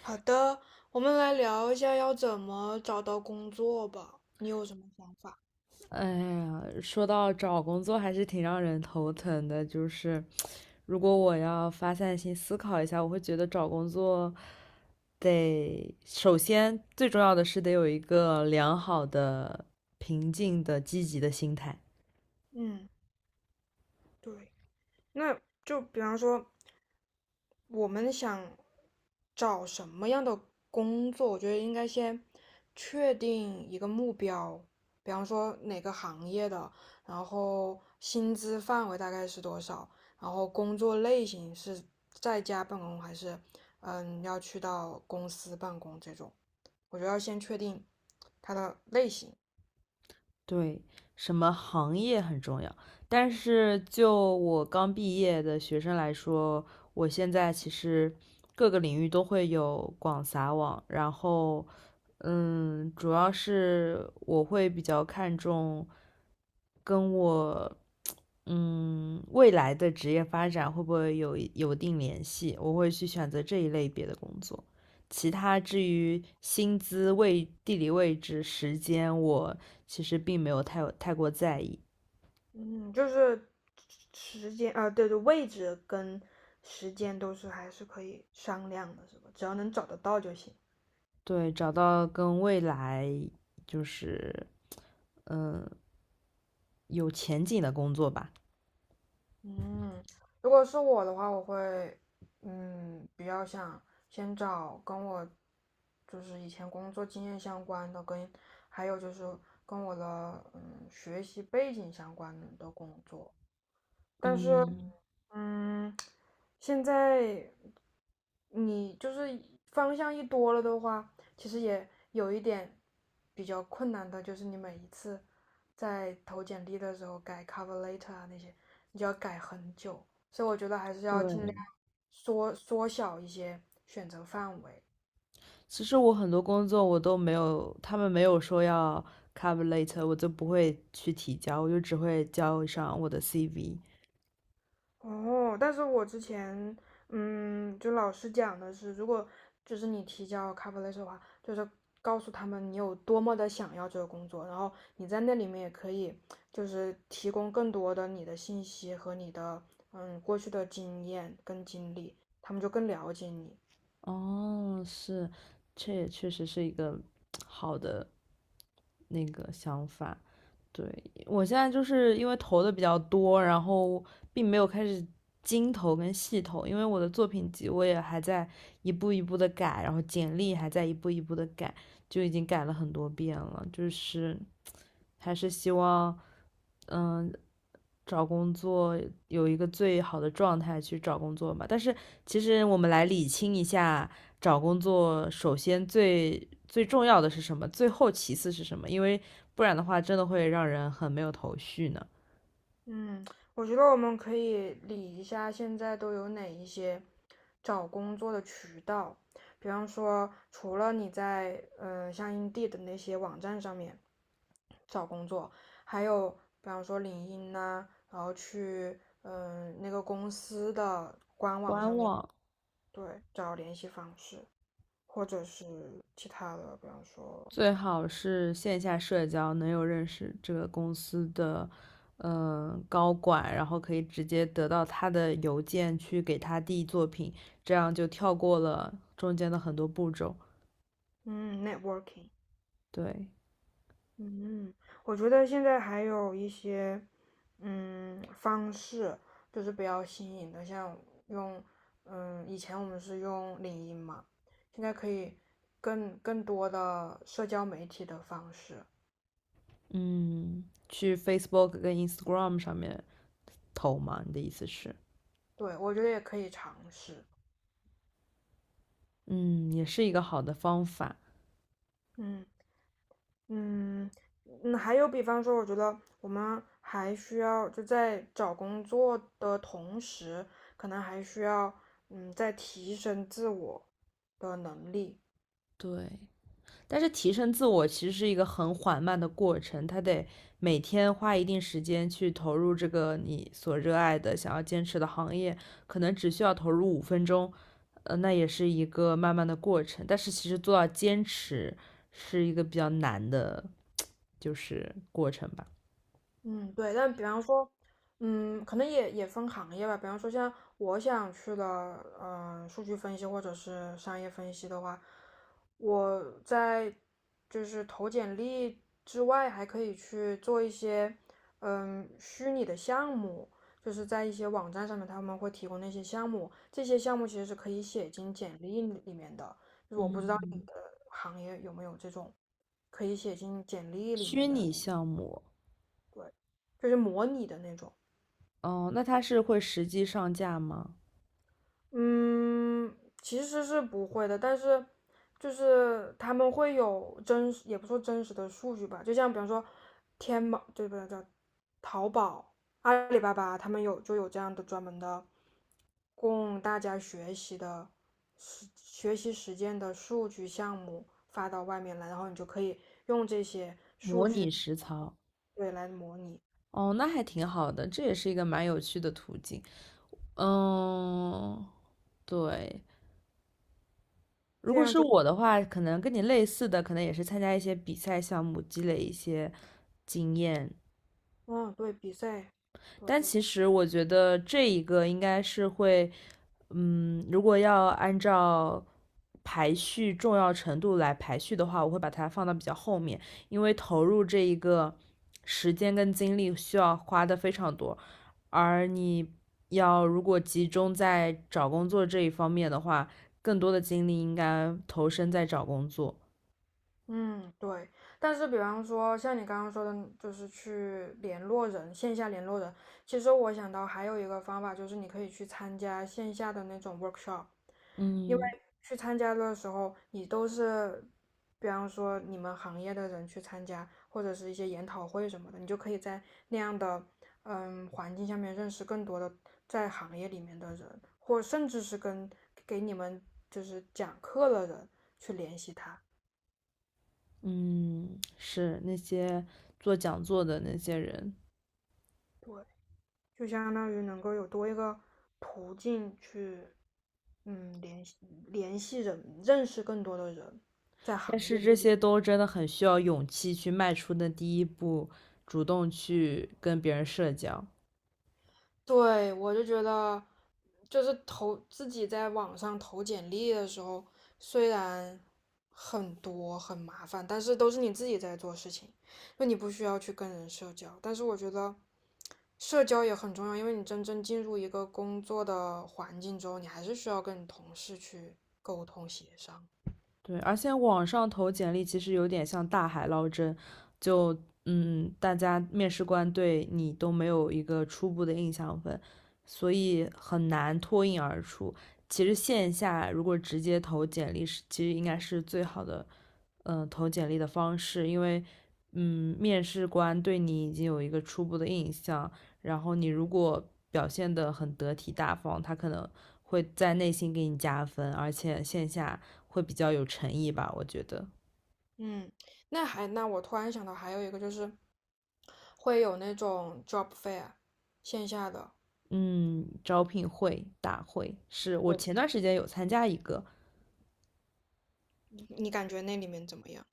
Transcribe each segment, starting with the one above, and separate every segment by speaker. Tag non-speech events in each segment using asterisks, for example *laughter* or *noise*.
Speaker 1: 好的，我们来聊一下要怎么找到工作吧。你有什么想法？
Speaker 2: 哎呀，说到找工作还是挺让人头疼的。如果我要发散性思考一下，我会觉得找工作得首先最重要的是得有一个良好的、平静的、积极的心态。
Speaker 1: 嗯，对。那就比方说，我们想找什么样的工作，我觉得应该先确定一个目标，比方说哪个行业的，然后薪资范围大概是多少，然后工作类型是在家办公还是要去到公司办公这种，我觉得要先确定它的类型。
Speaker 2: 对，什么行业很重要，但是就我刚毕业的学生来说，我现在其实各个领域都会有广撒网，然后，主要是我会比较看重跟我，未来的职业发展会不会有定联系，我会去选择这一类别的工作。其他至于薪资、位、地理位置、时间，我其实并没有太过在意。
Speaker 1: 嗯，就是时间啊，对对，位置跟时间都是还是可以商量的，是吧？只要能找得到就行。
Speaker 2: 对，找到跟未来就是嗯有前景的工作吧。
Speaker 1: 嗯，如果是我的话，我会，比较想先找跟我就是以前工作经验相关的，跟还有就是跟我的学习背景相关的工作。但是
Speaker 2: 嗯，
Speaker 1: 嗯，现在你就是方向一多了的话，其实也有一点比较困难的，就是你每一次在投简历的时候改 cover letter 啊那些，你就要改很久，所以我觉得还是要尽量
Speaker 2: 对，
Speaker 1: 缩小一些选择范围。
Speaker 2: 其实我很多工作我都没有，他们没有说要 cover later，我就不会去提交，我就只会交上我的 CV。
Speaker 1: 哦，但是我之前，就老师讲的是，如果就是你提交 cover letter 的话，就是告诉他们你有多么的想要这个工作，然后你在那里面也可以就是提供更多的你的信息和你的过去的经验跟经历，他们就更了解你。
Speaker 2: 哦，是，这也确实是一个 *tsk* 好的那个想法。对，我现在就是因为投的比较多，然后并没有开始精投跟细投，因为我的作品集我也还在一步一步的改，然后简历还在一步一步的改，就已经改了很多遍了。还是希望，嗯，找工作有一个最好的状态去找工作嘛。但是其实我们来理清一下，找工作首先最最重要的是什么，最后其次是什么？因为不然的话，真的会让人很没有头绪呢。
Speaker 1: 嗯，我觉得我们可以理一下现在都有哪一些找工作的渠道，比方说除了你在像 Indeed 的那些网站上面找工作，还有比方说领英呐、然后去那个公司的官网
Speaker 2: 官
Speaker 1: 上面
Speaker 2: 网
Speaker 1: 对找联系方式，或者是其他的，比方说
Speaker 2: 最好是线下社交，能有认识这个公司的。嗯，高管，然后可以直接得到他的邮件去给他递作品，这样就跳过了中间的很多步骤。
Speaker 1: 嗯 networking。
Speaker 2: 对，
Speaker 1: 嗯，我觉得现在还有一些，方式就是比较新颖的，像用，以前我们是用领英嘛，现在可以更多的社交媒体的方式，
Speaker 2: 嗯，去 Facebook 跟 Instagram 上面投嘛？你的意思是，
Speaker 1: 对，我觉得也可以尝试。
Speaker 2: 嗯，也是一个好的方法。
Speaker 1: 嗯嗯还有比方说，我觉得我们还需要就在找工作的同时，可能还需要在提升自我的能力。
Speaker 2: 对，但是提升自我其实是一个很缓慢的过程，它得每天花一定时间去投入这个你所热爱的、想要坚持的行业，可能只需要投入五分钟，那也是一个慢慢的过程。但是其实做到坚持是一个比较难的，过程吧。
Speaker 1: 嗯，对，但比方说，可能也分行业吧。比方说，像我想去的，数据分析或者是商业分析的话，我在就是投简历之外，还可以去做一些，虚拟的项目，就是在一些网站上面他们会提供那些项目，这些项目其实是可以写进简历里面的。就是我不知道
Speaker 2: 嗯，
Speaker 1: 行业有没有这种可以写进简历里
Speaker 2: 虚
Speaker 1: 面
Speaker 2: 拟
Speaker 1: 的，
Speaker 2: 项目。
Speaker 1: 就是模拟的那种。
Speaker 2: 哦，那他是会实际上架吗？
Speaker 1: 嗯，其实是不会的，但是就是他们会有真实，也不说真实的数据吧，就像比方说天猫，对不对？叫淘宝、阿里巴巴，他们就有这样的专门的供大家学习的实学习实践的数据项目发到外面来，然后你就可以用这些
Speaker 2: 模拟实操？
Speaker 1: 对来模拟，
Speaker 2: 哦，那还挺好的，这也是一个蛮有趣的途径。嗯，对。如
Speaker 1: 这
Speaker 2: 果
Speaker 1: 样
Speaker 2: 是
Speaker 1: 就
Speaker 2: 我的话，可能跟你类似的，可能也是参加一些比赛项目，积累一些经验，
Speaker 1: 嗯对比赛，对。
Speaker 2: 但其实我觉得这一个应该是会，如果要按照排序重要程度来排序的话，我会把它放到比较后面，因为投入这一个时间跟精力需要花的非常多，而你要如果集中在找工作这一方面的话，更多的精力应该投身在找工作。
Speaker 1: 嗯，对。但是，比方说像你刚刚说的，就是去联络人，线下联络人。其实我想到还有一个方法，就是你可以去参加线下的那种 workshop，因为
Speaker 2: 嗯
Speaker 1: 去参加的时候，你都是，比方说你们行业的人去参加，或者是一些研讨会什么的，你就可以在那样的环境下面认识更多的在行业里面的人，或甚至是跟给你们就是讲课的人去联系他。
Speaker 2: 嗯，是那些做讲座的那些人。
Speaker 1: 对。就相当于能够有多一个途径去，嗯，联系联系人，认识更多的人，在
Speaker 2: 但
Speaker 1: 行业
Speaker 2: 是
Speaker 1: 里。
Speaker 2: 这些都真的很需要勇气去迈出的第一步，主动去跟别人社交。
Speaker 1: 对，我就觉得，就是投自己在网上投简历的时候，虽然很多很麻烦，但是都是你自己在做事情，就你不需要去跟人社交。但是我觉得社交也很重要，因为你真正进入一个工作的环境之后，你还是需要跟你同事去沟通协商。
Speaker 2: 对，而且网上投简历其实有点像大海捞针，就大家面试官对你都没有一个初步的印象分，所以很难脱颖而出。其实线下如果直接投简历是，其实应该是最好的投简历的方式，因为嗯面试官对你已经有一个初步的印象，然后你如果表现得很得体大方，他可能会在内心给你加分，而且线下会比较有诚意吧，我觉得。
Speaker 1: 嗯，那我突然想到还有一个就是会有那种 job fair 线下的，
Speaker 2: 嗯，招聘会大会是我
Speaker 1: 对，
Speaker 2: 前段时间有参加一个，
Speaker 1: 你感觉那里面怎么样？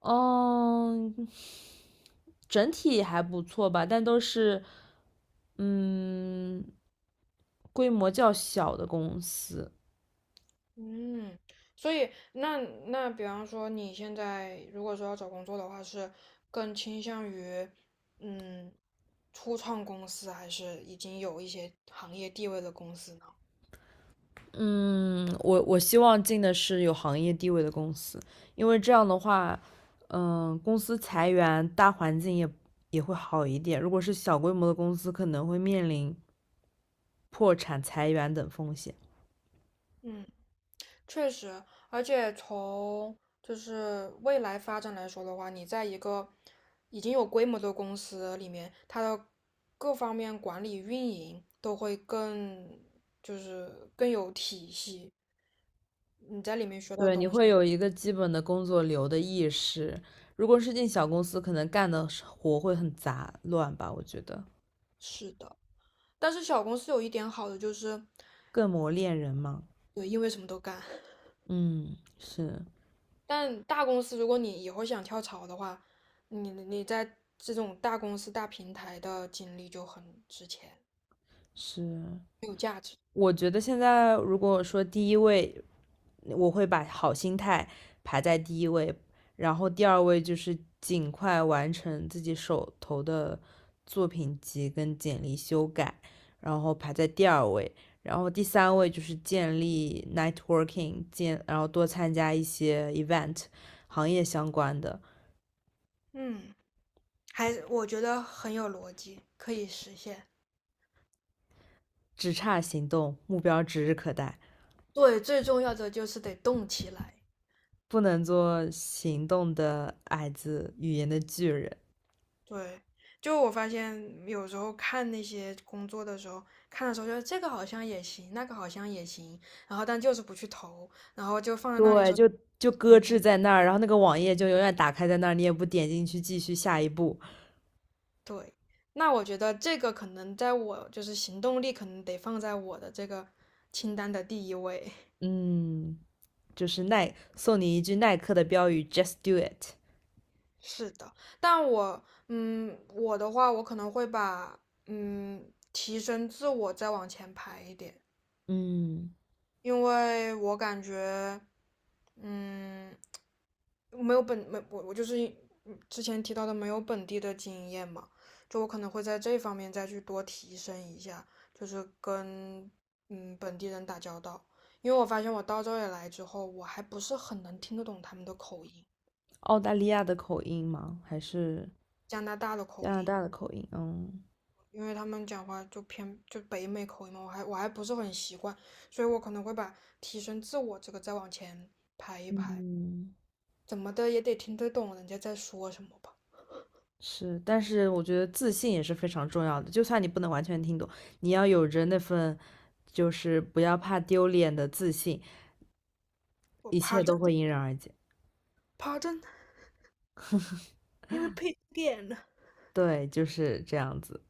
Speaker 2: 嗯，整体还不错吧，但都是嗯规模较小的公司，
Speaker 1: 嗯，所以那比方说你现在如果说要找工作的话，是更倾向于嗯初创公司，还是已经有一些行业地位的公司呢？
Speaker 2: 我希望进的是有行业地位的公司，因为这样的话，嗯，公司裁员，大环境也会好一点。如果是小规模的公司，可能会面临破产、裁员等风险。
Speaker 1: 嗯。确实，而且从就是未来发展来说的话，你在一个已经有规模的公司里面，它的各方面管理运营都会更就是更有体系，你在里面学到
Speaker 2: 对，你
Speaker 1: 东西。
Speaker 2: 会有一个基本的工作流的意识。如果是进小公司，可能干的活会很杂乱吧，我觉得
Speaker 1: 是的，但是小公司有一点好的就是，
Speaker 2: 更磨练人嘛。
Speaker 1: 对，因为什么都干。
Speaker 2: 嗯，是
Speaker 1: 但大公司，如果你以后想跳槽的话，你在这种大公司、大平台的经历就很值钱，
Speaker 2: 是，
Speaker 1: 很有价值。
Speaker 2: 我觉得现在如果说第一位我会把好心态排在第一位，然后第二位就是尽快完成自己手头的作品集跟简历修改，然后排在第二位，然后第三位就是建立 networking，然后多参加一些 event，行业相关的，
Speaker 1: 嗯。我觉得很有逻辑，可以实现。
Speaker 2: 只差行动，目标指日可待，
Speaker 1: 对，最重要的就是得动起来。
Speaker 2: 不能做行动的矮子，语言的巨人。
Speaker 1: 对，就我发现有时候看那些工作的时候，看的时候觉得这个好像也行，那个好像也行，然后但就是不去投，然后就放在那里
Speaker 2: 对，
Speaker 1: 说，
Speaker 2: 就就搁
Speaker 1: 哎
Speaker 2: 置在那儿，然后那个网页就永远打开在那儿，你也不点进去继续下一步。
Speaker 1: 对。那我觉得这个可能在我就是行动力可能得放在我的这个清单的第一位。
Speaker 2: 嗯，就是耐，送你一句耐克的标语，Just do it。
Speaker 1: 是的，但我，我的话，我可能会把，提升自我再往前排一点，
Speaker 2: 嗯，
Speaker 1: 因为我感觉，嗯，没有本，没，我就是之前提到的没有本地的经验嘛，就我可能会在这方面再去多提升一下，就是跟，本地人打交道，因为我发现我到这里来之后，我还不是很能听得懂他们的口音，
Speaker 2: 澳大利亚的口音吗？还是
Speaker 1: 加拿大的
Speaker 2: 加
Speaker 1: 口
Speaker 2: 拿
Speaker 1: 音。
Speaker 2: 大的口音？嗯
Speaker 1: 因为他们讲话就偏就北美口音嘛，我还不是很习惯，所以我可能会把提升自我这个再往前排一排，
Speaker 2: 嗯，
Speaker 1: 怎么的也得听得懂人家在说什么吧。
Speaker 2: 是，但是我觉得自信也是非常重要的，就算你不能完全听懂，你要有着那份就是不要怕丢脸的自信，
Speaker 1: 我
Speaker 2: 一切
Speaker 1: pardon，
Speaker 2: 都会迎刃而解。
Speaker 1: PAR。
Speaker 2: 对，就是这样子。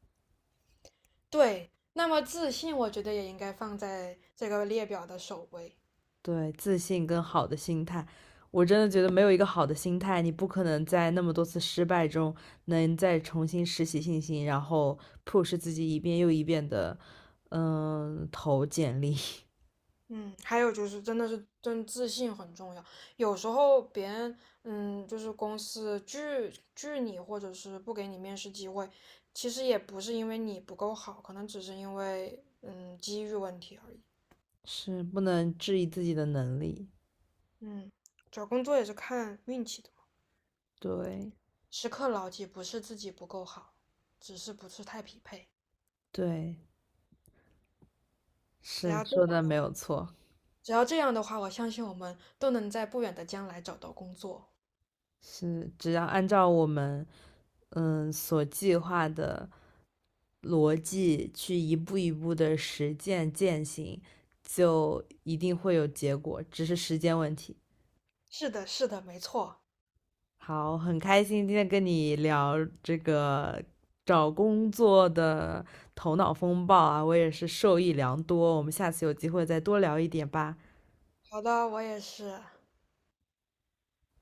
Speaker 1: 对，那么自信我觉得也应该放在这个列表的首位。
Speaker 2: 对，自信跟好的心态，我真的觉得没有一个好的心态，你不可能在那么多次失败中能再重新拾起信心，然后 push 自己一遍又一遍的，嗯，投简历，
Speaker 1: 嗯，还有就是，真的是真自信很重要。有时候别人，就是公司拒你，或者是不给你面试机会，其实也不是因为你不够好，可能只是因为，机遇问题而已。
Speaker 2: *laughs* 是不能质疑自己的能力。
Speaker 1: 嗯，找工作也是看运气的嘛。
Speaker 2: 对，
Speaker 1: 时刻牢记，不是自己不够好，只是不是太匹配。
Speaker 2: 对，
Speaker 1: 只
Speaker 2: 是
Speaker 1: 要这样，
Speaker 2: 说的没有错，
Speaker 1: 只要这样的话，我相信我们都能在不远的将来找到工作。
Speaker 2: 是只要按照我们所计划的逻辑去一步一步的实践践行，就一定会有结果，只是时间问题。
Speaker 1: 是的，是的，没错。
Speaker 2: 好，很开心今天跟你聊这个找工作的头脑风暴啊，我也是受益良多。我们下次有机会再多聊一点吧。
Speaker 1: 好的，我也是。